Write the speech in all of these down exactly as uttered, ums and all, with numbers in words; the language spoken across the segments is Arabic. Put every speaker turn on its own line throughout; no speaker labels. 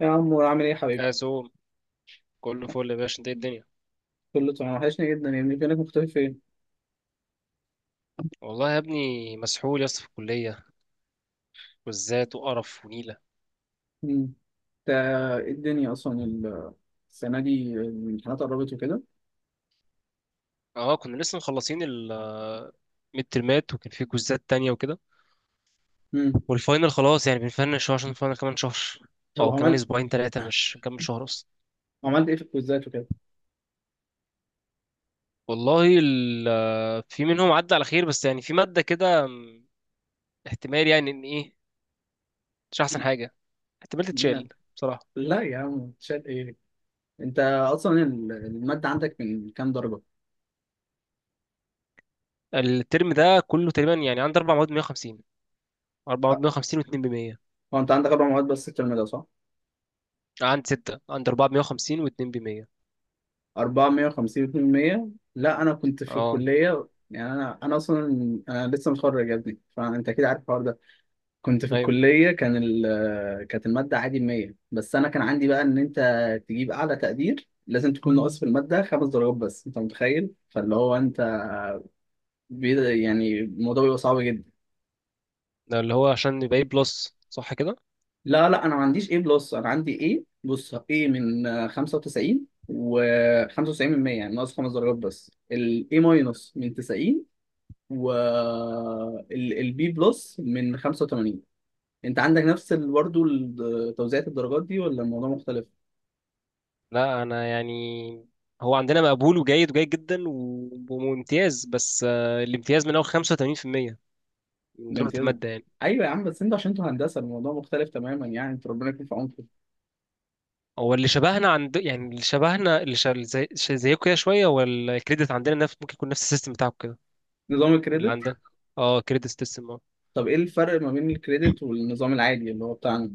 يا عمور، عامل ايه يا حبيبي؟
أزوم. كله فل يا باشا، انت ايه الدنيا؟
كله تمام، وحشني جدا يا ابني، فينك مختفي فين؟
والله يا ابني مسحول يا اسطى في الكلية، كوزات وقرف ونيلة.
مم. انت ايه الدنيا اصلا ال- السنة دي الامتحانات قربت وكده؟
اه، كنا لسه مخلصين ال ميد ترمات وكان في كوزات تانية وكده.
مم.
والفاينل خلاص يعني بنفنش، هو عشان الفاينل كمان شهر،
طب
او كمان
عملت
اسبوعين تلاتة مش كمان شهر اصلا.
عملت ايه في الكويزات وكده؟
والله ال- في منهم عدى على خير، بس يعني في مادة كده م، احتمال يعني ان ايه، مش احسن حاجة، احتمال
لا،
تتشال بصراحة.
لا يا عم، شاد ايه؟ انت اصلا ال- المادة عندك من كام درجة؟
الترم ده كله تقريبا يعني عندي اربع مواد مية وخمسين، اربع
أه،
مواد 150 و2 ب100.
هو انت عندك اربع مواد بس الترم ده صح؟
عندي ستة، عند أربعة بمية وخمسين واتنين بمية.
اربعمية وخمسين ميتين، لا انا كنت في
اه.
الكلية، يعني انا انا اصلا انا لسه متخرج يا ابني، فانت اكيد عارف الحوار ده. كنت في
أيوه،
الكلية، كان ال كانت المادة عادي مية، بس أنا كان عندي بقى إن أنت تجيب أعلى تقدير لازم تكون ناقص في المادة خمس درجات بس، أنت متخيل؟ فاللي هو أنت بي- يعني الموضوع بيبقى صعب جدا.
ده اللي هو عشان يبقى إيه بلس صح كده؟
لا، لا، أنا ما عنديش A بلس، أنا عندي A، بص A من آه، خمسة وتسعين، و خمسة وتسعين من مية يعني ناقص خمس درجات بس. ال A ماينس من تسعين، و ال ال B بلس من خمسة وتمانين. أنت عندك نفس ال- برضه ال- توزيعة الدرجات دي، ولا الموضوع مختلف؟
لا أنا يعني، هو عندنا مقبول وجيد وجيد جدا و- وممتاز، بس آه، الامتياز من أول خمسة وتمانين في المية من درجة
الامتياز،
المادة يعني.
ايوه يا عم، بس انتوا عشان انتوا هندسه الموضوع مختلف تماما، يعني انتوا ربنا يكون في عونكم.
هو اللي شبهنا عند، يعني اللي شبهنا اللي شا... زي... شا- زيكم كده شوية. هو الكريدت عندنا نفس، ممكن يكون نفس السيستم بتاعكم كده،
نظام
اللي
الكريدت.
عندنا. اه كريدت سيستم، اه.
طب ايه الفرق ما بين الكريدت والنظام العادي اللي هو بتاعنا؟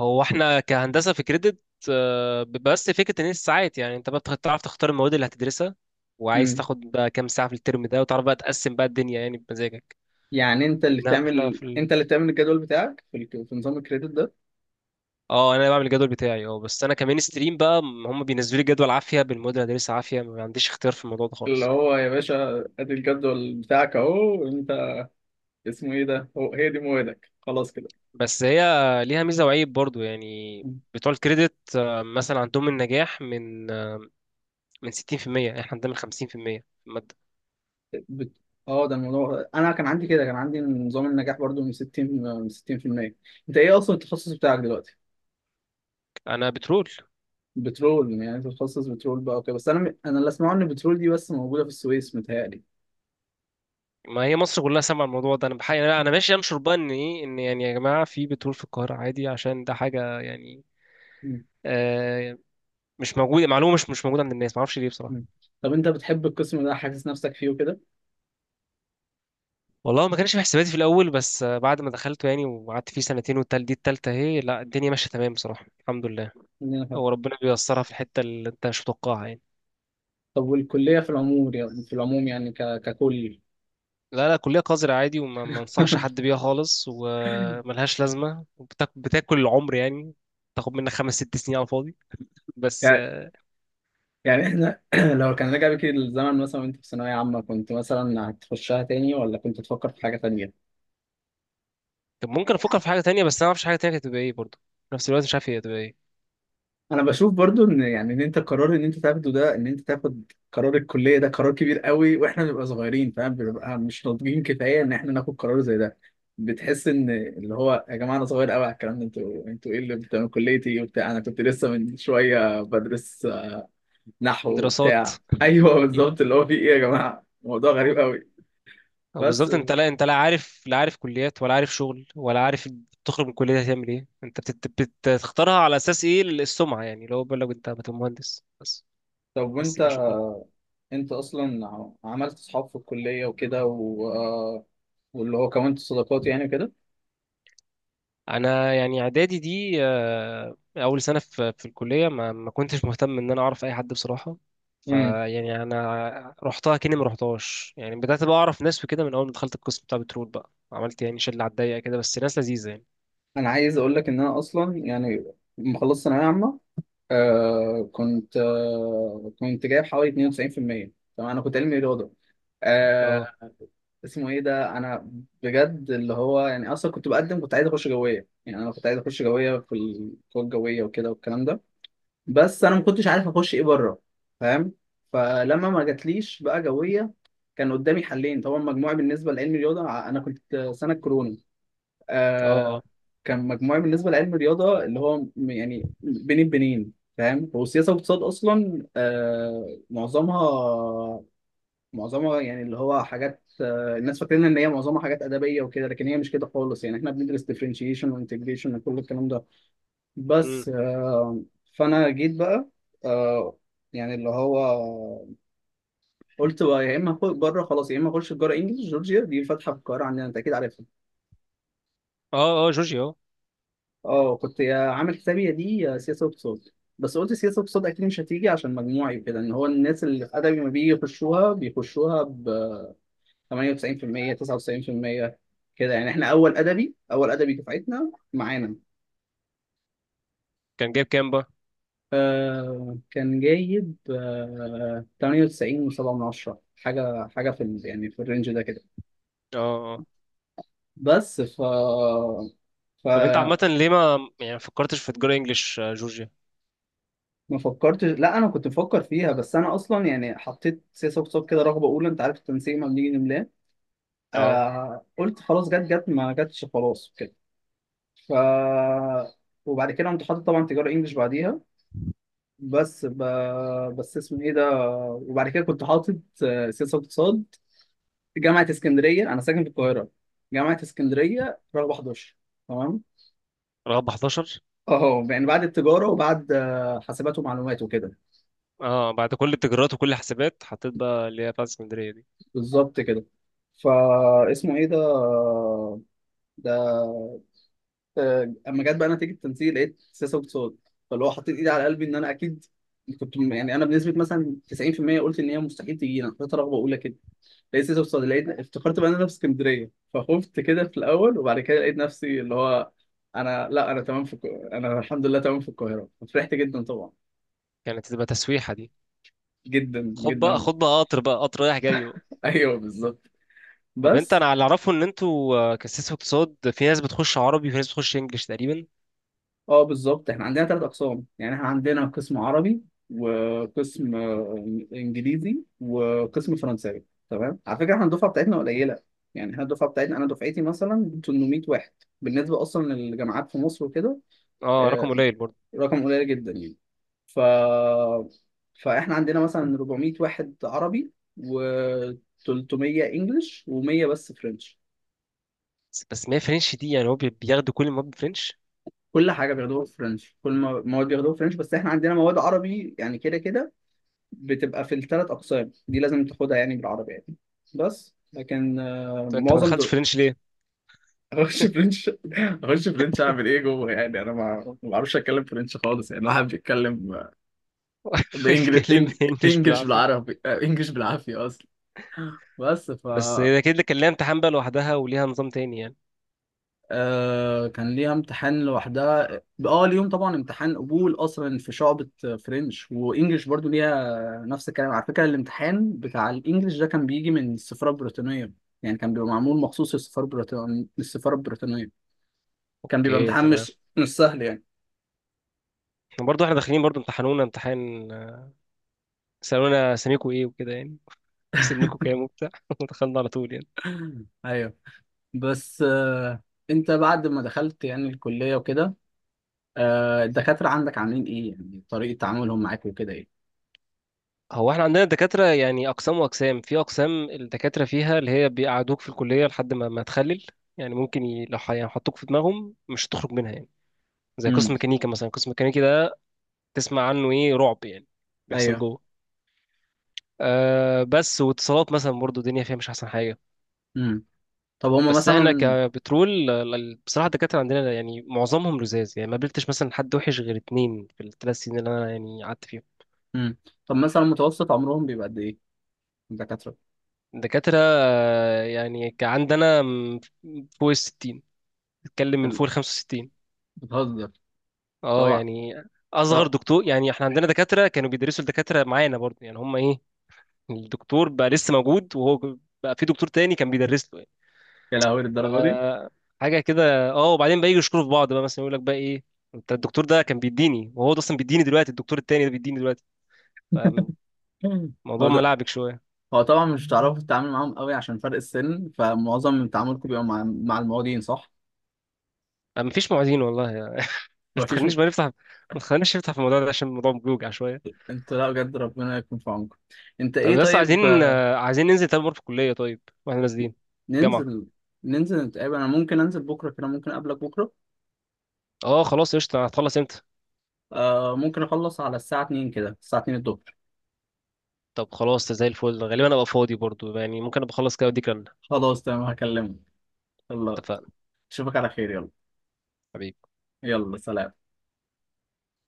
هو احنا كهندسه في كريدت آه، بس فكره ان هي الساعات، يعني انت بقى بتخ- تعرف تختار المواد اللي هتدرسها، وعايز
امم.
تاخد بقى كام ساعه في الترم ده، وتعرف بقى تقسم بقى الدنيا يعني بمزاجك.
يعني انت اللي
انما احنا
بتعمل،
في ال...
انت اللي بتعمل الجدول بتاعك في, الك... في نظام الكريدت ده.
اه، انا بعمل الجدول بتاعي، اه بس انا كمان ستريم بقى م- هم بينزلوا لي جدول عافيه بالمواد اللي هدرسها عافيه، ما عنديش اختيار في الموضوع ده
اللي
خالص.
هو يا باشا ادي الجدول بتاعك اهو، انت اسمه ايه ده، هو هي دي موادك خلاص كده.
بس هي ليها ميزه وعيب برضو يعني،
مم.
بتوع الكريدت آه، مثلا عندهم النجاح من آه، من ستين في المية، احنا عندنا من خمسين في المية في المية في الماده.
بت... اه ده الموضوع، انا كان عندي كده، كان عندي نظام النجاح برضو من ستين من ستين في المية. انت ايه اصلا التخصص بتاعك دلوقتي؟
انا بترول.
بترول؟ يعني انت بتخصص بترول بقى، اوكي، بس انا م... انا اللي اسمعه ان بترول دي بس موجوده في السويس، متهيألي.
ما هي مصر كلها سامعه الموضوع ده، انا بحقيقة لا انا ماشي انشر بقى ان ايه، ان يعني يا جماعه في بترول في القاهره عادي، عشان ده حاجه يعني
مم.
آه مش موجوده، معلومه مش مش موجوده عند الناس، ما اعرفش ليه بصراحه.
مم. طب انت بتحب القسم ده، حاسس نفسك فيه وكده؟
والله ما كانش في حساباتي في الاول، بس آه، بعد ما دخلته يعني وقعدت فيه سنتين، والتال دي التالتة اهي، لا الدنيا ماشيه تمام بصراحه الحمد لله.
إن أنا حابب.
هو ربنا بييسرها في الحته اللي انت مش متوقعها يعني.
طب والكليه في العموم، يعني في العموم، يعني ك... ككل.
لا لا، كلية قذرة عادي، وما ما انصحش حد بيها خالص، وملهاش لازمة وبتاكل العمر يعني، تاخد منك خمس ست سنين على الفاضي. بس.
يعني يعني احنا لو كان رجع بك الزمن مثلا وانت في ثانويه عامه، كنت مثلا هتخشها تاني ولا كنت تفكر في حاجه تانيه؟
طب ممكن افكر في حاجه تانية، بس انا ما اعرفش حاجه تانية كانت هتبقى ايه برضه، في نفس الوقت مش عارف هي هتبقى ايه.
انا بشوف برضو ان يعني ان انت قرار ان انت تاخده ده، ان انت تاخد قرار الكليه ده، قرار كبير قوي، واحنا بنبقى صغيرين فاهم، بنبقى مش ناضجين كفايه ان احنا ناخد قرار زي ده. بتحس ان اللي هو، يا جماعه، انا صغير قوي على الكلام ده، انتوا انتوا ايه اللي بتعملوا كليتي وبتاع، انا كنت لسه من شويه بدرس نحو
دراسات.
وبتاع. ايوه
مم.
بالظبط، اللي هو في ايه يا جماعه، موضوع غريب قوي.
أو
بس
بالظبط، انت لا، انت لا عارف، لا عارف كليات، ولا عارف شغل، ولا عارف تخرج من الكليه هتعمل ايه. انت بتت... بتختارها على اساس ايه؟ السمعه يعني، لو بقول لك انت هتبقى مهندس بس،
طب وانت،
بس كده شكرا.
انت اصلا ع- عملت اصحاب في الكليه وكده و... آه، واللي هو كونت صداقات يعني كده.
انا يعني اعدادي دي آه، اول سنه في في الكليه ما ما كنتش مهتم ان انا اعرف اي حد بصراحه. فيعني انا رحتها كاني ما رحتهاش يعني، بدات بقى اعرف ناس وكده من اول ما دخلت القسم بتاع بترول، بقى عملت يعني شله على الضيقه كده، بس ناس لذيذه يعني.
انا عايز اقول لك ان انا اصلا، يعني لما خلصت ثانويه عامه، آه كنت آه كنت جايب حوالي اثنين وتسعين في المية. تمام، انا كنت علمي رياضه،
اه،
آه. اسمه ايه ده، انا بجد اللي هو يعني اصلا كنت بقدم، كنت عايز اخش جويه، يعني انا كنت عايز اخش جويه في القوى الجويه وكده والكلام ده. بس انا ما كنتش عارف اخش ايه بره، فاهم؟ فلما ما جاتليش بقى جويه، كان قدامي حلين طبعا، مجموعي بالنسبه لعلمي رياضه، انا كنت سنه كورونا،
اه،
آه.
اه.
كان مجموعي بالنسبه لعلم الرياضه اللي هو م- يعني بين البنين فاهم، هو سياسه واقتصاد اصلا، آه معظمها، معظمها يعني اللي هو حاجات، آه الناس فاكرين ان هي معظمها حاجات ادبيه وكده، لكن هي مش كده خالص، يعني احنا بندرس ديفرنشيشن وانتجريشن وكل الكلام ده.
امم.
بس آه فانا جيت بقى، آه يعني اللي هو قلت بقى يا اما اخش بره خلاص، يا اما اخش تجاره انجلش، جورجيا دي فاتحه في القاهره عندنا، انت اكيد عارفها.
اه، اه جورجي، اه.
اه، كنت عامل حسابي دي سياسه واقتصاد، بس قلت سياسه واقتصاد اكيد مش هتيجي عشان مجموعي وكده، ان هو الناس اللي في ادبي ما بيجي يخشوها، بيخشوها ب تمانية وتسعين في المية تسعة وتسعين في المية كده يعني. احنا اول ادبي، اول ادبي دفعتنا معانا،
كان جايب كام بقى؟
آه كان جايب آه تمانية وتسعين و7 من عشرة، حاجه، حاجه في ال- يعني في الرينج ده كده.
اه، اه آه.
بس ف ف
طب انت عامه ليه ما يعني فكرتش في تجاره انجليش آه، جورجيا؟
ما فكرتش، لا انا كنت بفكر فيها، بس انا اصلا يعني حطيت سياسه اقتصاد كده رغبه اولى، انت عارف التنسيق ما بنيجي نملاه،
اه،
آه. قلت خلاص، جت جت ما جتش، خلاص كده. ف وبعد كده كنت حاطط طبعا تجاره انجلش بعديها، بس ب... بس اسمه ايه ده، وبعد كده كنت حاطط آه، سياسه اقتصاد جامعه اسكندريه، انا ساكن في القاهره، جامعه اسكندريه رغبه حداشر. تمام.
رغب احد عشر.
اه، يعني بعد التجاره وبعد آه، حاسبات ومعلومات وكده.
اه بعد كل التجارات وكل الحسابات حطيت بقى اللي هي بتاعت اسكندريه دي.
بالظبط كده. فاسمه ايه ده، ده، آه، اما جت بقى نتيجه التنسيق، لقيت سياسه واقتصاد، فاللي هو حطيت ايدي على قلبي ان انا اكيد كنت م- يعني انا بنسبه مثلا تسعين في المية قلت ان هي مستحيل تجينا، كنت رغبه اولى كده. لقيت سياسه واقتصاد، لقيت، افتكرت بقى ان انا في اسكندريه، فخفت كده في الاول، وبعد كده لقيت نفسي اللي هو، انا، لا، انا تمام في الك- انا الحمد لله تمام في القاهره، فرحت جدا طبعا،
كانت تبقى تسويحه دي،
جدا
خد بقى
جدا.
خد بقى قطر بقى قطر رايح جاي بقى.
ايوه بالظبط.
طب انت،
بس
انا اللي اعرفه ان انتوا آه، كسيس اقتصاد في ناس بتخش عربي وفي ناس بتخش انجلش تقريبا.
اه، بالظبط، احنا عندنا ثلاث اقسام يعني، احنا عندنا قسم عربي، وقسم آه، انجليزي، وقسم فرنساوي. تمام، على فكره احنا الدفعه بتاعتنا قليله، يعني احنا الدفعه بتاعتنا انا دفعتي مثلا تمنمية واحد، بالنسبه اصلا للجامعات في مصر وكده.
اه، رقم
آه،
قليل برضه.
رقم قليل جدا يعني. ف فاحنا عندنا مثلا اربعمئة واحد عربي، و300 انجلش، و100 بس فرنش.
بس، بس ما هي فرنش دي يعني هو بي- بياخدوا كل المواد فرنش؟
كل حاجه بياخدوها فرنش، كل ما مواد بياخدوها فرنش، بس احنا عندنا مواد عربي يعني كده كده، بتبقى في الثلاث اقسام دي لازم تاخدها، يعني بالعربي يعني، بس. لكن آه،
طب انت ما
معظم
دخلتش
دول،
فرنش ليه؟
اخش فرنش، اخش فرنش اعمل ايه جوه، يعني انا ما ما بعرفش اتكلم فرنش خالص، يعني الواحد بيتكلم
اتكلم انجلش
بانجلش
بالعافيه.
بالعربي، آه، انجلش بالعافيه اصلا. بس ف،
بس ده كده كان لها امتحان بقى لوحدها وليها نظام تاني يعني.
آه كان ليها امتحان لوحدها. اه، ليهم طبعا امتحان قبول اصلا في شعبة فرنش وانجلش، برضو ليها نفس الكلام. على فكرة الامتحان بتاع الانجليش ده كان بيجي من السفارة البريطانية، يعني كان بيبقى معمول مخصوص للسفارة البريطانية، للسفارة البريطانية. كان بيبقى
اوكي
امتحان
تمام.
مش مش سهل يعني.
برضه احنا داخلين برضه امتحانونا امتحان آه، سالونا سميكوا ايه وكده يعني. سنكوا كام وبتاع ودخلنا على طول يعني.
ايوه. بس آه، انت بعد ما دخلت يعني الكلية وكده، آه، الدكاترة عندك عاملين ايه يعني، طريقة تعاملهم معاك وكده ايه؟
هو احنا عندنا دكاترة يعني، أقسام وأقسام، في أقسام الدكاترة فيها اللي هي بيقعدوك في الكلية لحد ما ما تخلل، يعني ممكن ي... لو ح- يعني حطوك في دماغهم مش هتخرج منها يعني، زي قسم
امم.
ميكانيكا مثلا، قسم ميكانيكي ده تسمع عنه إيه رعب يعني بيحصل
ايوه.
جوه. أه، بس واتصالات مثلا برضو الدنيا فيها مش أحسن حاجة.
امم. طب هما
بس احنا
مثلا.
كبترول ال- ال- بصراحة الدكاترة عندنا يعني معظمهم لزاز يعني، ما قابلتش مثلا حد وحش غير اتنين في الثلاث سنين اللي أنا يعني قعدت فيهم.
مم. طب مثلا متوسط عمرهم بيبقى قد ايه، الدكاترة؟
الدكاترة آه، يعني ك- عندنا م- فوق الستين، بتتكلم من
ال-
فوق ال خمسة وستين.
بتهزر
اه
طبعا؟
يعني، اصغر
طب.
دكتور يعني احنا عندنا دكاتره كانوا بيدرسوا الدكاتره معانا برضه يعني، هم ايه الدكتور بقى لسه موجود، وهو بقى في دكتور تاني كان بيدرس له يعني.
يا لهوي
ف
للدرجة دي.
حاجه كده اه. وبعدين بقى يجوا يشكروا في بعض بقى، مثلا يقول لك بقى ايه، انت الدكتور ده كان بيديني، وهو ده اصلا بيديني دلوقتي، الدكتور التاني ده بيديني دلوقتي. فموضوع
مم. هو ده.
ملعبك شويه.
هو طبعا مش هتعرفوا تتعامل معاهم قوي عشان فرق السن، فمعظم من تعاملكم بيبقى مع مع المواطنين، صح؟
ما فيش معيدين والله يعني. ما
مفيش م-
تخلينيش بقى نفتح ما تخلينيش نفتح في الموضوع ده عشان الموضوع بيوجع شويه.
انت، لا بجد ربنا يكون في عونكم. انت
طب
ايه
بس عايزين
طيب، آه،
آه، عايزين ننزل تاني مره في الكليه طيب، واحنا نازلين الجامعه.
ننزل ننزل نتقابل، انا ممكن انزل بكره كده، ممكن اقابلك بكره.
اه خلاص قشطة، هتخلص امتى؟
آه ممكن اخلص على الساعه اتنين كده، الساعه اتنين الظهر.
طب خلاص زي الفل، غالبا ابقى فاضي برضو يعني، ممكن ابقى اخلص كده واديك رنة.
خلاص تمام، هكلمك. يلا.
اتفقنا.
اشوفك على خير، يلا.
حبيبي.
يلا سلام.